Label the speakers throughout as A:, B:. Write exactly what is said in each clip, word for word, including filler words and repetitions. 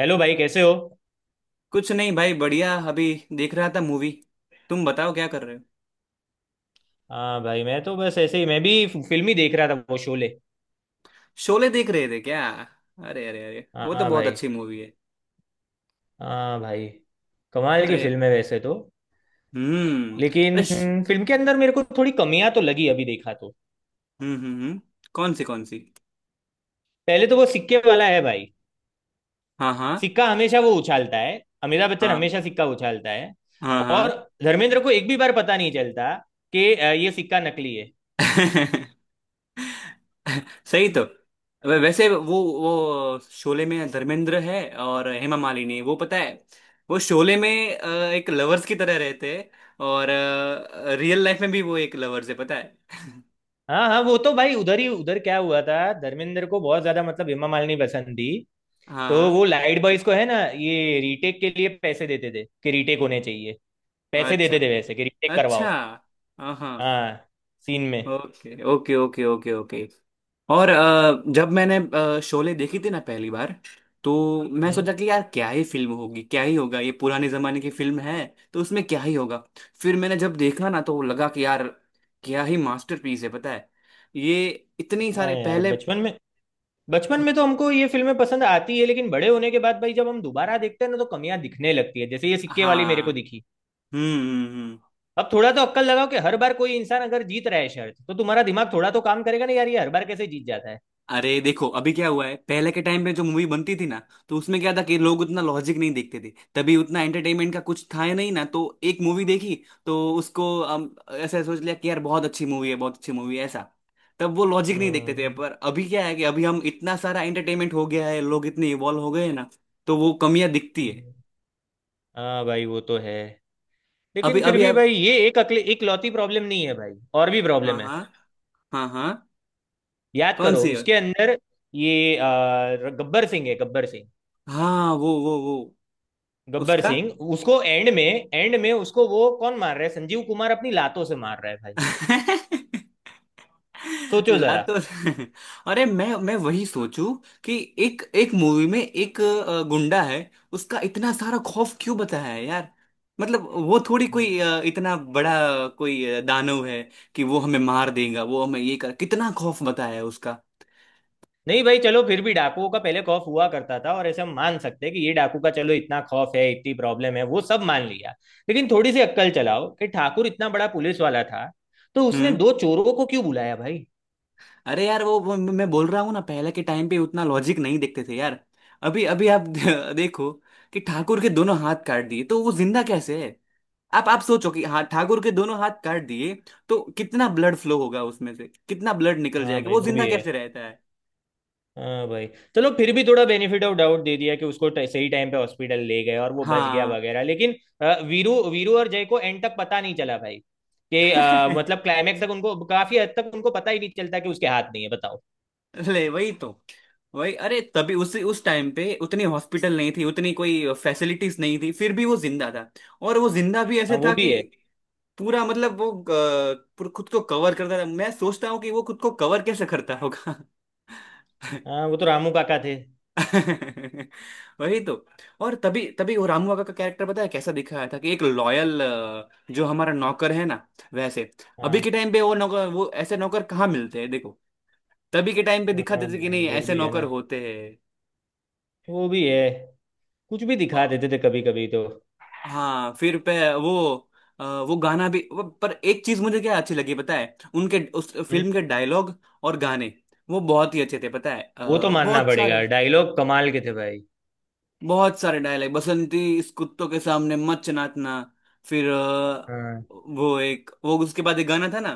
A: Hello भाई, कैसे हो।
B: कुछ नहीं भाई, बढ़िया। अभी देख रहा था मूवी। तुम बताओ, क्या कर रहे हो?
A: हाँ भाई, मैं तो बस ऐसे ही, मैं भी फिल्म ही देख रहा था, वो शोले।
B: शोले देख रहे थे क्या? अरे अरे अरे, वो तो
A: हाँ
B: बहुत
A: भाई।
B: अच्छी मूवी है।
A: हाँ भाई, कमाल की
B: अरे।
A: फिल्म है वैसे तो।
B: हम्म।
A: लेकिन
B: अरे श-
A: फिल्म के अंदर मेरे को थोड़ी कमियां तो लगी अभी देखा तो।
B: हम्म हम्म हम्म। कौन सी, कौन सी?
A: पहले तो वो सिक्के वाला है भाई।
B: हाँ, हाँ,
A: सिक्का हमेशा वो उछालता है, अमिताभ बच्चन
B: हाँ,
A: हमेशा सिक्का उछालता है।
B: हाँ,
A: और
B: हाँ।
A: धर्मेंद्र को एक भी बार पता नहीं चलता कि अ, ये सिक्का नकली है।
B: सही तो। वै- वैसे वो वो शोले में धर्मेंद्र है और हेमा मालिनी, वो पता है? वो शोले में अ, एक लवर्स की तरह रहते हैं। और रियल लाइफ में भी वो एक लवर्स है, पता है?
A: हाँ हाँ, वो तो भाई उधर ही उधर क्या हुआ था। धर्मेंद्र को बहुत ज्यादा, मतलब हेमा मालिनी पसंद थी, तो
B: हाँ।
A: वो लाइट बॉयज को है ना, ये रीटेक के लिए पैसे देते थे कि रीटेक होने चाहिए। पैसे
B: अच्छा,
A: देते थे वैसे कि रीटेक करवाओ।
B: अच्छा। हाँ, हाँ।
A: हाँ, सीन में।
B: Okay, okay, okay, okay, okay. और अ, जब मैंने अ, शोले देखी थी ना पहली बार, तो मैं
A: हम्म।
B: सोचा कि यार क्या ही फिल्म होगी, क्या ही होगा, ये पुराने जमाने की फिल्म है तो उसमें क्या ही होगा। फिर मैंने जब देखा ना, तो लगा कि यार क्या ही मास्टरपीस है, पता है। ये इतनी
A: हाँ
B: सारे
A: यार,
B: पहले।
A: बचपन में, बचपन में
B: हम्म,
A: तो हमको ये फिल्में पसंद आती है, लेकिन बड़े होने के बाद भाई जब हम दोबारा देखते हैं ना तो कमियां दिखने लगती है, जैसे ये सिक्के वाली मेरे
B: हाँ।
A: को दिखी।
B: हम्म हम्म हम्म।
A: अब थोड़ा तो अक्कल लगाओ कि हर बार कोई इंसान अगर जीत रहा है शर्त तो तुम्हारा दिमाग थोड़ा तो काम करेगा ना यार, ये हर बार कैसे जीत जाता है।
B: अरे देखो अभी क्या हुआ है। पहले के टाइम पे जो मूवी बनती थी ना, तो उसमें क्या था कि लोग उतना लॉजिक नहीं देखते थे, तभी उतना एंटरटेनमेंट का कुछ था ही नहीं ना। तो एक मूवी देखी तो उसको हम ऐसा सोच लिया कि यार बहुत अच्छी मूवी है, बहुत अच्छी मूवी है ऐसा। तब वो लॉजिक नहीं देखते
A: हम्म
B: थे, पर अभी क्या है कि अभी हम इतना सारा एंटरटेनमेंट हो गया है, लोग इतने इवॉल्व हो गए हैं ना, तो वो कमियां दिखती है।
A: हम्म। हाँ भाई, वो तो है।
B: अभी
A: लेकिन फिर
B: अभी
A: भी
B: आप।
A: भाई ये एक अकले एक लौती प्रॉब्लम नहीं है भाई, और भी
B: हाँ,
A: प्रॉब्लम है।
B: हाँ। हाँ, हाँ।
A: याद
B: कौन
A: करो
B: सी है?
A: उसके अंदर। ये अ, गब्बर सिंह है, गब्बर सिंह।
B: हाँ, वो वो वो
A: गब्बर
B: उसका।
A: सिंह उसको एंड में, एंड में उसको वो कौन मार रहा है, संजीव कुमार अपनी लातों से मार रहा है भाई। सोचो
B: ला
A: जरा।
B: तो। अरे मैं मैं वही सोचूं कि एक एक मूवी में एक अ, गुंडा है, उसका इतना सारा खौफ क्यों बताया है यार? मतलब वो थोड़ी कोई अ, इतना बड़ा कोई अ, दानव है कि वो हमें मार देगा? वो हमें ये कर, कितना खौफ बताया है उसका।
A: नहीं भाई, चलो फिर भी डाकुओं का पहले खौफ हुआ करता था और ऐसे हम मान सकते हैं कि ये डाकू का चलो इतना खौफ है, इतनी प्रॉब्लम है, वो सब मान लिया। लेकिन थोड़ी सी अक्कल चलाओ कि ठाकुर इतना बड़ा पुलिस वाला था, तो उसने
B: हम्म।
A: दो चोरों को क्यों बुलाया भाई।
B: अरे यार वो, वो मैं बोल रहा हूँ ना, पहले के टाइम पे उतना लॉजिक नहीं देखते थे यार। अभी अभी आप देखो कि ठाकुर के दोनों हाथ काट दिए तो वो जिंदा कैसे है? आप आप सोचो कि, हाँ ठाकुर के दोनों हाथ काट दिए तो कितना ब्लड फ्लो होगा, उसमें से कितना ब्लड निकल
A: हाँ
B: जाएगा,
A: भाई,
B: वो
A: वो
B: जिंदा
A: भी है।
B: कैसे रहता है?
A: हाँ भाई, चलो फिर भी थोड़ा बेनिफिट ऑफ डाउट दे दिया कि उसको ट- सही टाइम पे हॉस्पिटल ले गए और वो बच गया
B: हाँ।
A: वगैरह, लेकिन अ, वीरू वीरू और जय को एंड तक पता नहीं चला भाई कि अ, मतलब क्लाइमैक्स तक उनको, काफी हद तक उनको पता ही नहीं चलता कि उसके हाथ नहीं है, बताओ।
B: ले, वही तो। वही, अरे तभी उस उस टाइम पे उतनी हॉस्पिटल नहीं थी, उतनी कोई फैसिलिटीज नहीं थी, फिर भी वो जिंदा था। और वो जिंदा भी
A: हाँ,
B: ऐसे
A: वो
B: था
A: भी
B: कि
A: है।
B: पूरा, मतलब वो अ, पूरा खुद को कवर करता था। मैं सोचता हूँ कि वो खुद को कवर कैसे करता होगा।
A: हाँ, वो तो रामू काका थे।
B: वही तो। और तभी तभी वो रामू काका का कैरेक्टर पता है कैसा दिखाया था, कि एक लॉयल, जो हमारा नौकर है ना, वैसे। अभी
A: हाँ।
B: के टाइम पे वो नौकर, वो ऐसे नौकर कहाँ मिलते हैं, देखो। तभी के टाइम पे दिखा
A: हाँ
B: देते कि
A: भाई,
B: नहीं,
A: वो
B: ऐसे
A: भी है
B: नौकर
A: ना।
B: होते हैं।
A: वो भी है। कुछ भी
B: अ,
A: दिखा देते थे कभी कभी तो।
B: हाँ, फिर पे वो, अ, वो गाना भी, वो, पर एक चीज मुझे क्या अच्छी लगी पता है, उनके उस
A: हम्म,
B: फिल्म के डायलॉग और गाने, वो बहुत ही अच्छे थे, पता है,
A: वो तो
B: अ,
A: मानना
B: बहुत
A: पड़ेगा,
B: सारे।
A: डायलॉग कमाल के थे भाई।
B: बहुत सारे डायलॉग, बसंती इस कुत्तों के सामने मत नाचना। फिर अ,
A: हाँ,
B: वो एक, वो उसके बाद एक गाना था ना,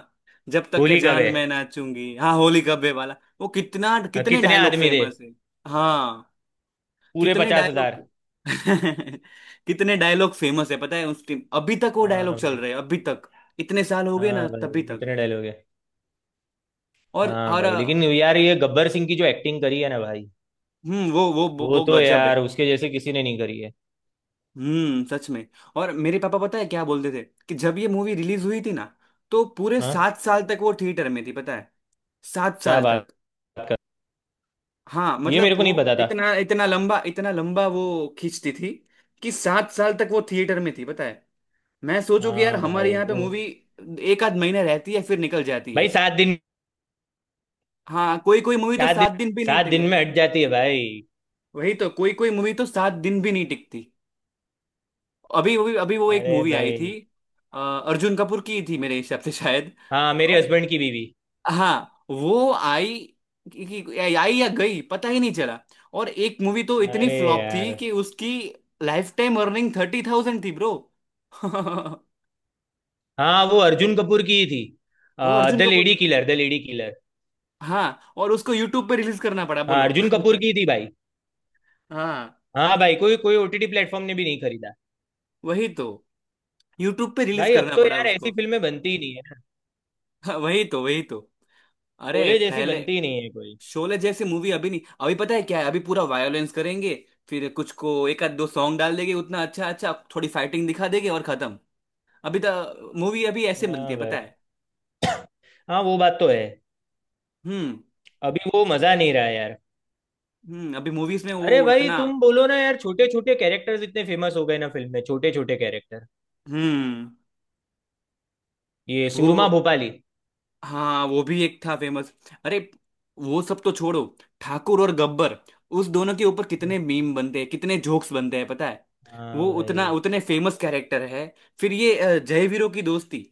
B: जब तक के
A: होली कब
B: जान
A: है।
B: मैं नाचूंगी, हाँ, होली कब्बे वाला। वो कितना,
A: अ,
B: कितने
A: कितने
B: डायलॉग
A: आदमी थे।
B: फेमस है। हाँ,
A: पूरे
B: कितने
A: पचास हजार।
B: डायलॉग। कितने डायलॉग फेमस है, पता है, उस टीम अभी तक वो
A: हाँ
B: डायलॉग चल
A: भाई।
B: रहे हैं अभी तक। इतने साल हो गए
A: हाँ
B: ना, तभी
A: भाई,
B: तक।
A: इतने डायलॉग है।
B: और
A: हाँ
B: हर,
A: भाई, लेकिन यार ये गब्बर सिंह की जो एक्टिंग करी है ना भाई,
B: हम्म वो वो वो
A: वो
B: वो
A: तो
B: गजब है।
A: यार उसके जैसे किसी ने नहीं करी है।
B: हम्म सच में। और मेरे पापा पता है क्या बोलते थे, कि जब ये मूवी रिलीज हुई थी ना, तो पूरे
A: हाँ।
B: सात साल तक वो थिएटर में थी, पता है। सात
A: क्या
B: साल
A: बात
B: तक।
A: कर।
B: हाँ,
A: ये
B: मतलब
A: मेरे को नहीं
B: वो
A: पता था।
B: इतना इतना लंबा, इतना लंबा वो खींचती थी कि सात साल तक वो थिएटर में थी, पता है। मैं सोचू कि यार
A: हाँ
B: हमारे
A: भाई।
B: यहाँ पे
A: वो
B: मूवी एक आध महीना रहती है, फिर निकल जाती
A: भाई,
B: है।
A: सात दिन।
B: हाँ, कोई कोई मूवी तो
A: सात दिन।
B: सात दिन भी नहीं
A: सात दिन
B: टिके।
A: में हट जाती है भाई।
B: वही तो, कोई कोई मूवी तो सात दिन भी नहीं टिकती। अभी अभी अभी वो एक
A: अरे
B: मूवी आई थी,
A: भाई।
B: अ, अर्जुन कपूर की थी मेरे हिसाब से शायद।
A: हाँ, मेरे
B: और
A: हस्बैंड की बीवी।
B: हाँ, वो आई कि, कि, आई या गई पता ही नहीं चला। और एक मूवी तो इतनी
A: अरे
B: फ्लॉप थी
A: यार।
B: कि उसकी life time earning thirty thousand थी, ब्रो।
A: हाँ, वो अर्जुन कपूर की ही थी।
B: वो Arjun
A: the
B: Kapoor.
A: Lady killer, the lady killer.
B: हाँ, और उसको यूट्यूब पे रिलीज करना पड़ा,
A: हाँ,
B: बोलो।
A: अर्जुन कपूर की ही थी भाई।
B: हाँ,
A: हाँ भाई, कोई कोई ओटीटी प्लेटफॉर्म ने भी नहीं खरीदा।
B: वही तो। यूट्यूब पे रिलीज
A: भाई अब
B: करना
A: तो
B: पड़ा
A: यार ऐसी
B: उसको।
A: फिल्में बनती ही नहीं है।
B: हाँ, वही तो, वही तो। अरे
A: शोले जैसी
B: पहले,
A: बनती नहीं है कोई।
B: शोले जैसी मूवी अभी नहीं। अभी पता है क्या है, अभी पूरा वायोलेंस करेंगे, फिर कुछ को एक आध दो सॉन्ग डाल देंगे, उतना अच्छा अच्छा, थोड़ी फाइटिंग दिखा देंगे और खत्म। अभी तो मूवी अभी ऐसे बनती
A: हाँ
B: है, पता
A: भाई।
B: है।
A: हाँ, वो बात तो है।
B: हम्म
A: अभी वो मजा नहीं रहा यार।
B: हम्म। अभी मूवीज में
A: अरे
B: वो
A: भाई
B: इतना।
A: तुम बोलो ना यार, छोटे छोटे कैरेक्टर्स इतने फेमस हो गए ना फिल्म में, छोटे छोटे कैरेक्टर।
B: हम्म।
A: ये
B: वो,
A: सुरमा भोपाली।
B: हाँ, वो भी एक था फेमस। अरे वो सब तो छोड़ो, ठाकुर और गब्बर, उस दोनों के ऊपर कितने मीम बनते हैं, कितने जोक्स बनते हैं, पता है।
A: हाँ
B: वो
A: भाई।
B: उतना, उतने फेमस कैरेक्टर है। फिर ये अ, जय वीरों की दोस्ती,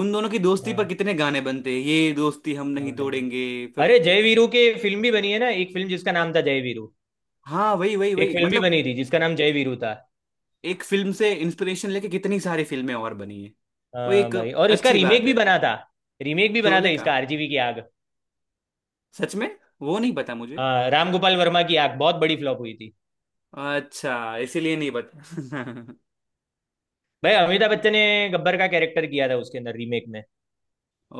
B: उन दोनों की दोस्ती पर
A: हाँ।
B: कितने गाने बनते हैं, ये दोस्ती हम
A: हाँ
B: नहीं
A: भाई।
B: तोड़ेंगे। फिर,
A: अरे, जय वीरू की फिल्म भी बनी है ना, एक फिल्म जिसका नाम था जय वीरू।
B: हाँ, वही, वही,
A: एक
B: वही,
A: फिल्म भी
B: मतलब
A: बनी थी जिसका नाम जय वीरू था।
B: एक फिल्म से इंस्पिरेशन लेके कितनी सारी फिल्में और बनी है। वो
A: हाँ
B: एक,
A: भाई, और इसका
B: अच्छी
A: रीमेक
B: बात है।
A: भी बना था। रीमेक भी बना था
B: शोले का।
A: इसका, आरजीवी की आग।
B: सच में। वो नहीं पता मुझे।
A: हाँ, राम गोपाल वर्मा की आग बहुत बड़ी फ्लॉप हुई थी।
B: अच्छा, इसीलिए नहीं पता।
A: भाई अमिताभ बच्चन ने गब्बर का कैरेक्टर किया था उसके अंदर, रीमेक में।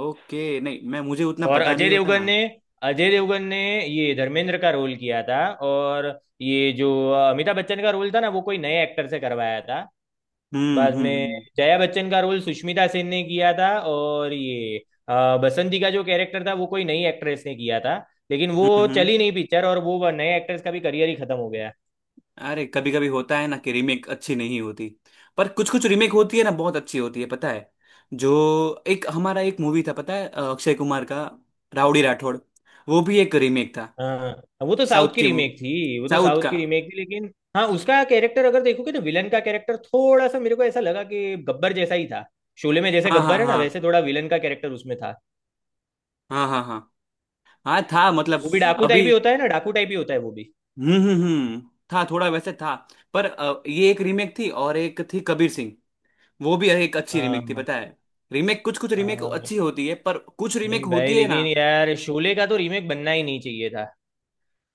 B: ओके, नहीं, मैं मुझे उतना
A: और
B: पता
A: अजय
B: नहीं होता
A: देवगन
B: ना।
A: ने, अजय देवगन ने ये धर्मेंद्र का रोल किया था। और ये जो अ, अमिताभ बच्चन का रोल था ना, वो कोई नए एक्टर से करवाया था
B: हम्म
A: बाद में।
B: हम्म
A: जया बच्चन का रोल सुष्मिता सेन ने किया था, और ये अ, बसंती का जो कैरेक्टर था वो कोई नई एक्ट्रेस ने किया था, लेकिन
B: हम्म
A: वो
B: हम्म हम्म।
A: चली नहीं पिक्चर, और वो नए एक्ट्रेस का भी करियर ही खत्म हो गया।
B: अरे कभी कभी होता है ना कि रीमेक अच्छी नहीं होती, पर कुछ कुछ रीमेक होती है ना, बहुत अच्छी होती है, पता है। जो, एक हमारा एक मूवी था पता है, अ, अक्षय कुमार का, राउडी राठौड़। वो भी एक रीमेक था।
A: हाँ, वो तो
B: साउथ
A: साउथ की
B: की मूवी,
A: रीमेक थी, वो तो
B: साउथ
A: साउथ
B: का।
A: की रीमेक थी, लेकिन हाँ, उसका कैरेक्टर अगर देखोगे तो विलन का कैरेक्टर थोड़ा सा मेरे को ऐसा लगा कि गब्बर जैसा ही था। शोले में जैसे
B: हाँ, हाँ,
A: गब्बर है ना, वैसे
B: हाँ,
A: थोड़ा विलन का कैरेक्टर उसमें था।
B: हाँ, हाँ, हाँ, हाँ था, मतलब।
A: वो भी डाकू टाइप
B: अभी।
A: ही होता है ना, डाकू टाइप ही होता है वो भी।
B: हम्म हम्म हम्म। था, थोड़ा वैसे था। पर अ, ये एक रीमेक थी, और एक थी कबीर सिंह। वो भी एक अच्छी रीमेक थी,
A: हाँ
B: पता है। रीमेक, कुछ कुछ रीमेक
A: हाँ।
B: अच्छी होती है, पर कुछ रीमेक
A: नहीं भाई,
B: होती है ना।
A: लेकिन यार शोले का तो रीमेक बनना ही नहीं चाहिए था।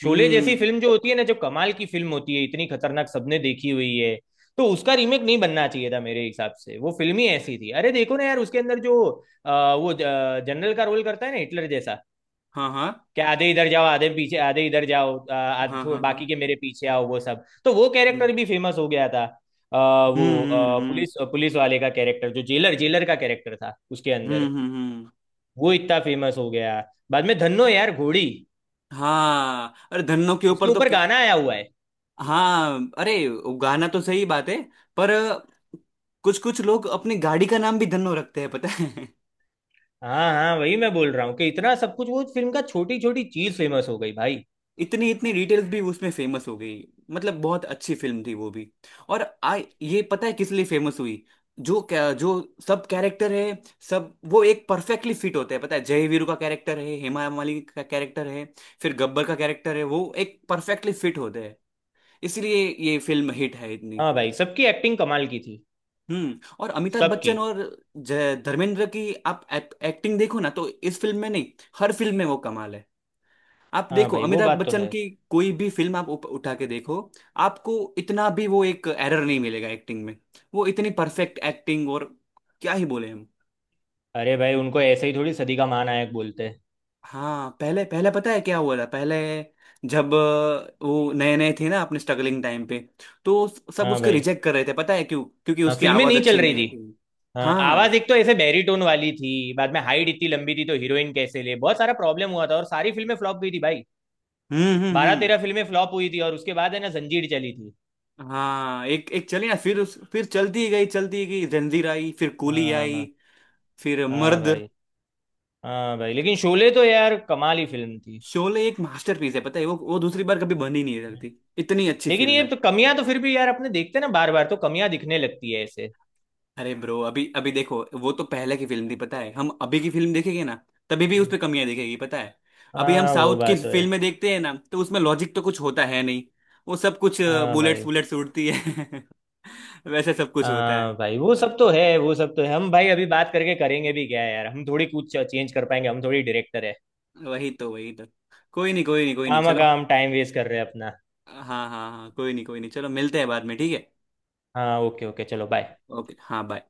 A: शोले जैसी
B: हम्म।
A: फिल्म जो होती है ना, जो कमाल की फिल्म होती है, इतनी खतरनाक, सबने देखी हुई है, तो उसका रीमेक नहीं बनना चाहिए था मेरे हिसाब से। वो फिल्म ही ऐसी थी। अरे देखो ना यार, उसके अंदर जो आ, वो जनरल का रोल करता है ना, हिटलर जैसा
B: हाँ, हाँ,
A: कि आधे इधर जाओ, आधे पीछे, आधे इधर जाओ, आ, आध-
B: हाँ,
A: थो-
B: हाँ, हाँ।
A: बाकी के मेरे पीछे आओ, वो सब तो, वो
B: हम्म
A: कैरेक्टर भी फेमस हो गया था। आ,
B: हम्म
A: वो
B: हम्म।
A: आ,
B: हम्म,
A: पुलिस पुलिस वाले का कैरेक्टर, जो जेलर जेलर का कैरेक्टर था उसके
B: हम्म,
A: अंदर,
B: हम्म। हम्म,
A: वो इतना फेमस हो गया। बाद में धन्नो यार, घोड़ी,
B: हाँ, अरे धन्नो के
A: उसके
B: ऊपर तो
A: ऊपर
B: कि-
A: गाना आया हुआ है।
B: हाँ, अरे, गाना तो सही बात है, पर कुछ कुछ लोग अपनी गाड़ी का नाम भी धन्नो रखते हैं, पता है।
A: हाँ हाँ, वही मैं बोल रहा हूँ कि इतना सब कुछ, वो फिल्म का छोटी छोटी चीज फेमस हो गई भाई।
B: इतनी इतनी डिटेल्स भी उसमें फेमस हो गई। मतलब बहुत अच्छी फिल्म थी वो भी। और आ ये पता है किस लिए फेमस हुई? जो, क्या, जो सब कैरेक्टर है, सब वो एक परफेक्टली फिट होते हैं, पता है, जय वीरू का कैरेक्टर है, हेमा मालिनी का कैरेक्टर है, फिर गब्बर का कैरेक्टर है, वो एक परफेक्टली फिट होते हैं, इसलिए ये फिल्म हिट है इतनी।
A: हाँ भाई, सबकी एक्टिंग कमाल की थी।
B: हम्म, और अमिताभ
A: सबकी।
B: बच्चन और ज- धर्मेंद्र की आप एक्टिंग देखो ना, तो इस फिल्म में नहीं, हर फिल्म में वो कमाल है। आप
A: हाँ
B: देखो
A: भाई, वो
B: अमिताभ
A: बात तो
B: बच्चन
A: है।
B: की कोई भी फिल्म आप उप- उठा के देखो, आपको इतना भी वो एक एरर नहीं मिलेगा एक्टिंग में, वो इतनी परफेक्ट एक्टिंग, और क्या ही बोले हम।
A: अरे भाई, उनको ऐसे ही थोड़ी सदी का महानायक बोलते हैं।
B: हाँ, पहले पहले पता है क्या हुआ था पहले, जब अ, वो नए नए थे ना अपने स्ट्रगलिंग टाइम पे, तो सब
A: हाँ
B: उसको
A: भाई।
B: रिजेक्ट कर रहे थे पता है क्यों, क्योंकि
A: हाँ,
B: उसकी
A: फिल्में
B: आवाज
A: नहीं चल
B: अच्छी
A: रही
B: नहीं
A: थी।
B: थी।
A: हाँ, आवाज
B: हाँ।
A: एक तो ऐसे बैरीटोन वाली थी। बाद में हाइट इतनी लंबी थी तो हीरोइन कैसे ले, बहुत सारा प्रॉब्लम हुआ था और सारी फिल्में फ्लॉप हुई थी भाई।
B: हम्म हम्म
A: बारह
B: हम्म।
A: तेरह फिल्में फ्लॉप हुई थी, और उसके बाद है ना जंजीर चली थी।
B: हाँ, एक एक चली ना, फिर उस, फिर चलती गई, चलती गई, जंजीर आई, फिर कूली
A: हाँ
B: आई,
A: हाँ।
B: फिर
A: हाँ
B: मर्द।
A: भाई। हाँ भाई, लेकिन शोले तो यार कमाल ही फिल्म थी।
B: शोले एक मास्टरपीस है, पता है, वो वो दूसरी बार कभी बन ही नहीं सकती, इतनी अच्छी
A: लेकिन
B: फिल्म
A: ये
B: है।
A: तो कमियां तो फिर भी यार अपने देखते हैं ना बार बार तो कमियां दिखने लगती है ऐसे।
B: अरे ब्रो, अभी अभी देखो, वो तो पहले की फिल्म थी, पता है, हम अभी की फिल्म देखेंगे ना, तभी भी उस पे कमियां दिखेगी, पता है। अभी हम
A: हाँ, वो
B: साउथ की
A: बात तो है।
B: फिल्में देखते हैं ना, तो उसमें लॉजिक तो कुछ होता है नहीं। वो सब कुछ,
A: हाँ
B: बुलेट्स
A: भाई।
B: बुलेट्स उड़ती है। वैसे सब कुछ होता
A: हाँ
B: है।
A: भाई, वो सब तो है, वो सब तो है। हम भाई अभी बात करके करेंगे भी क्या यार, हम थोड़ी कुछ चेंज कर पाएंगे, हम थोड़ी डायरेक्टर है।
B: वही तो, वही तो। कोई नहीं, कोई नहीं, कोई नहीं,
A: काम,
B: चलो।
A: काम, टाइम वेस्ट कर रहे हैं अपना।
B: हाँ, हाँ, हाँ, कोई नहीं, कोई नहीं, चलो, मिलते हैं बाद में, ठीक है?
A: हाँ ओके ओके, चलो बाय।
B: ओके, हाँ, बाय।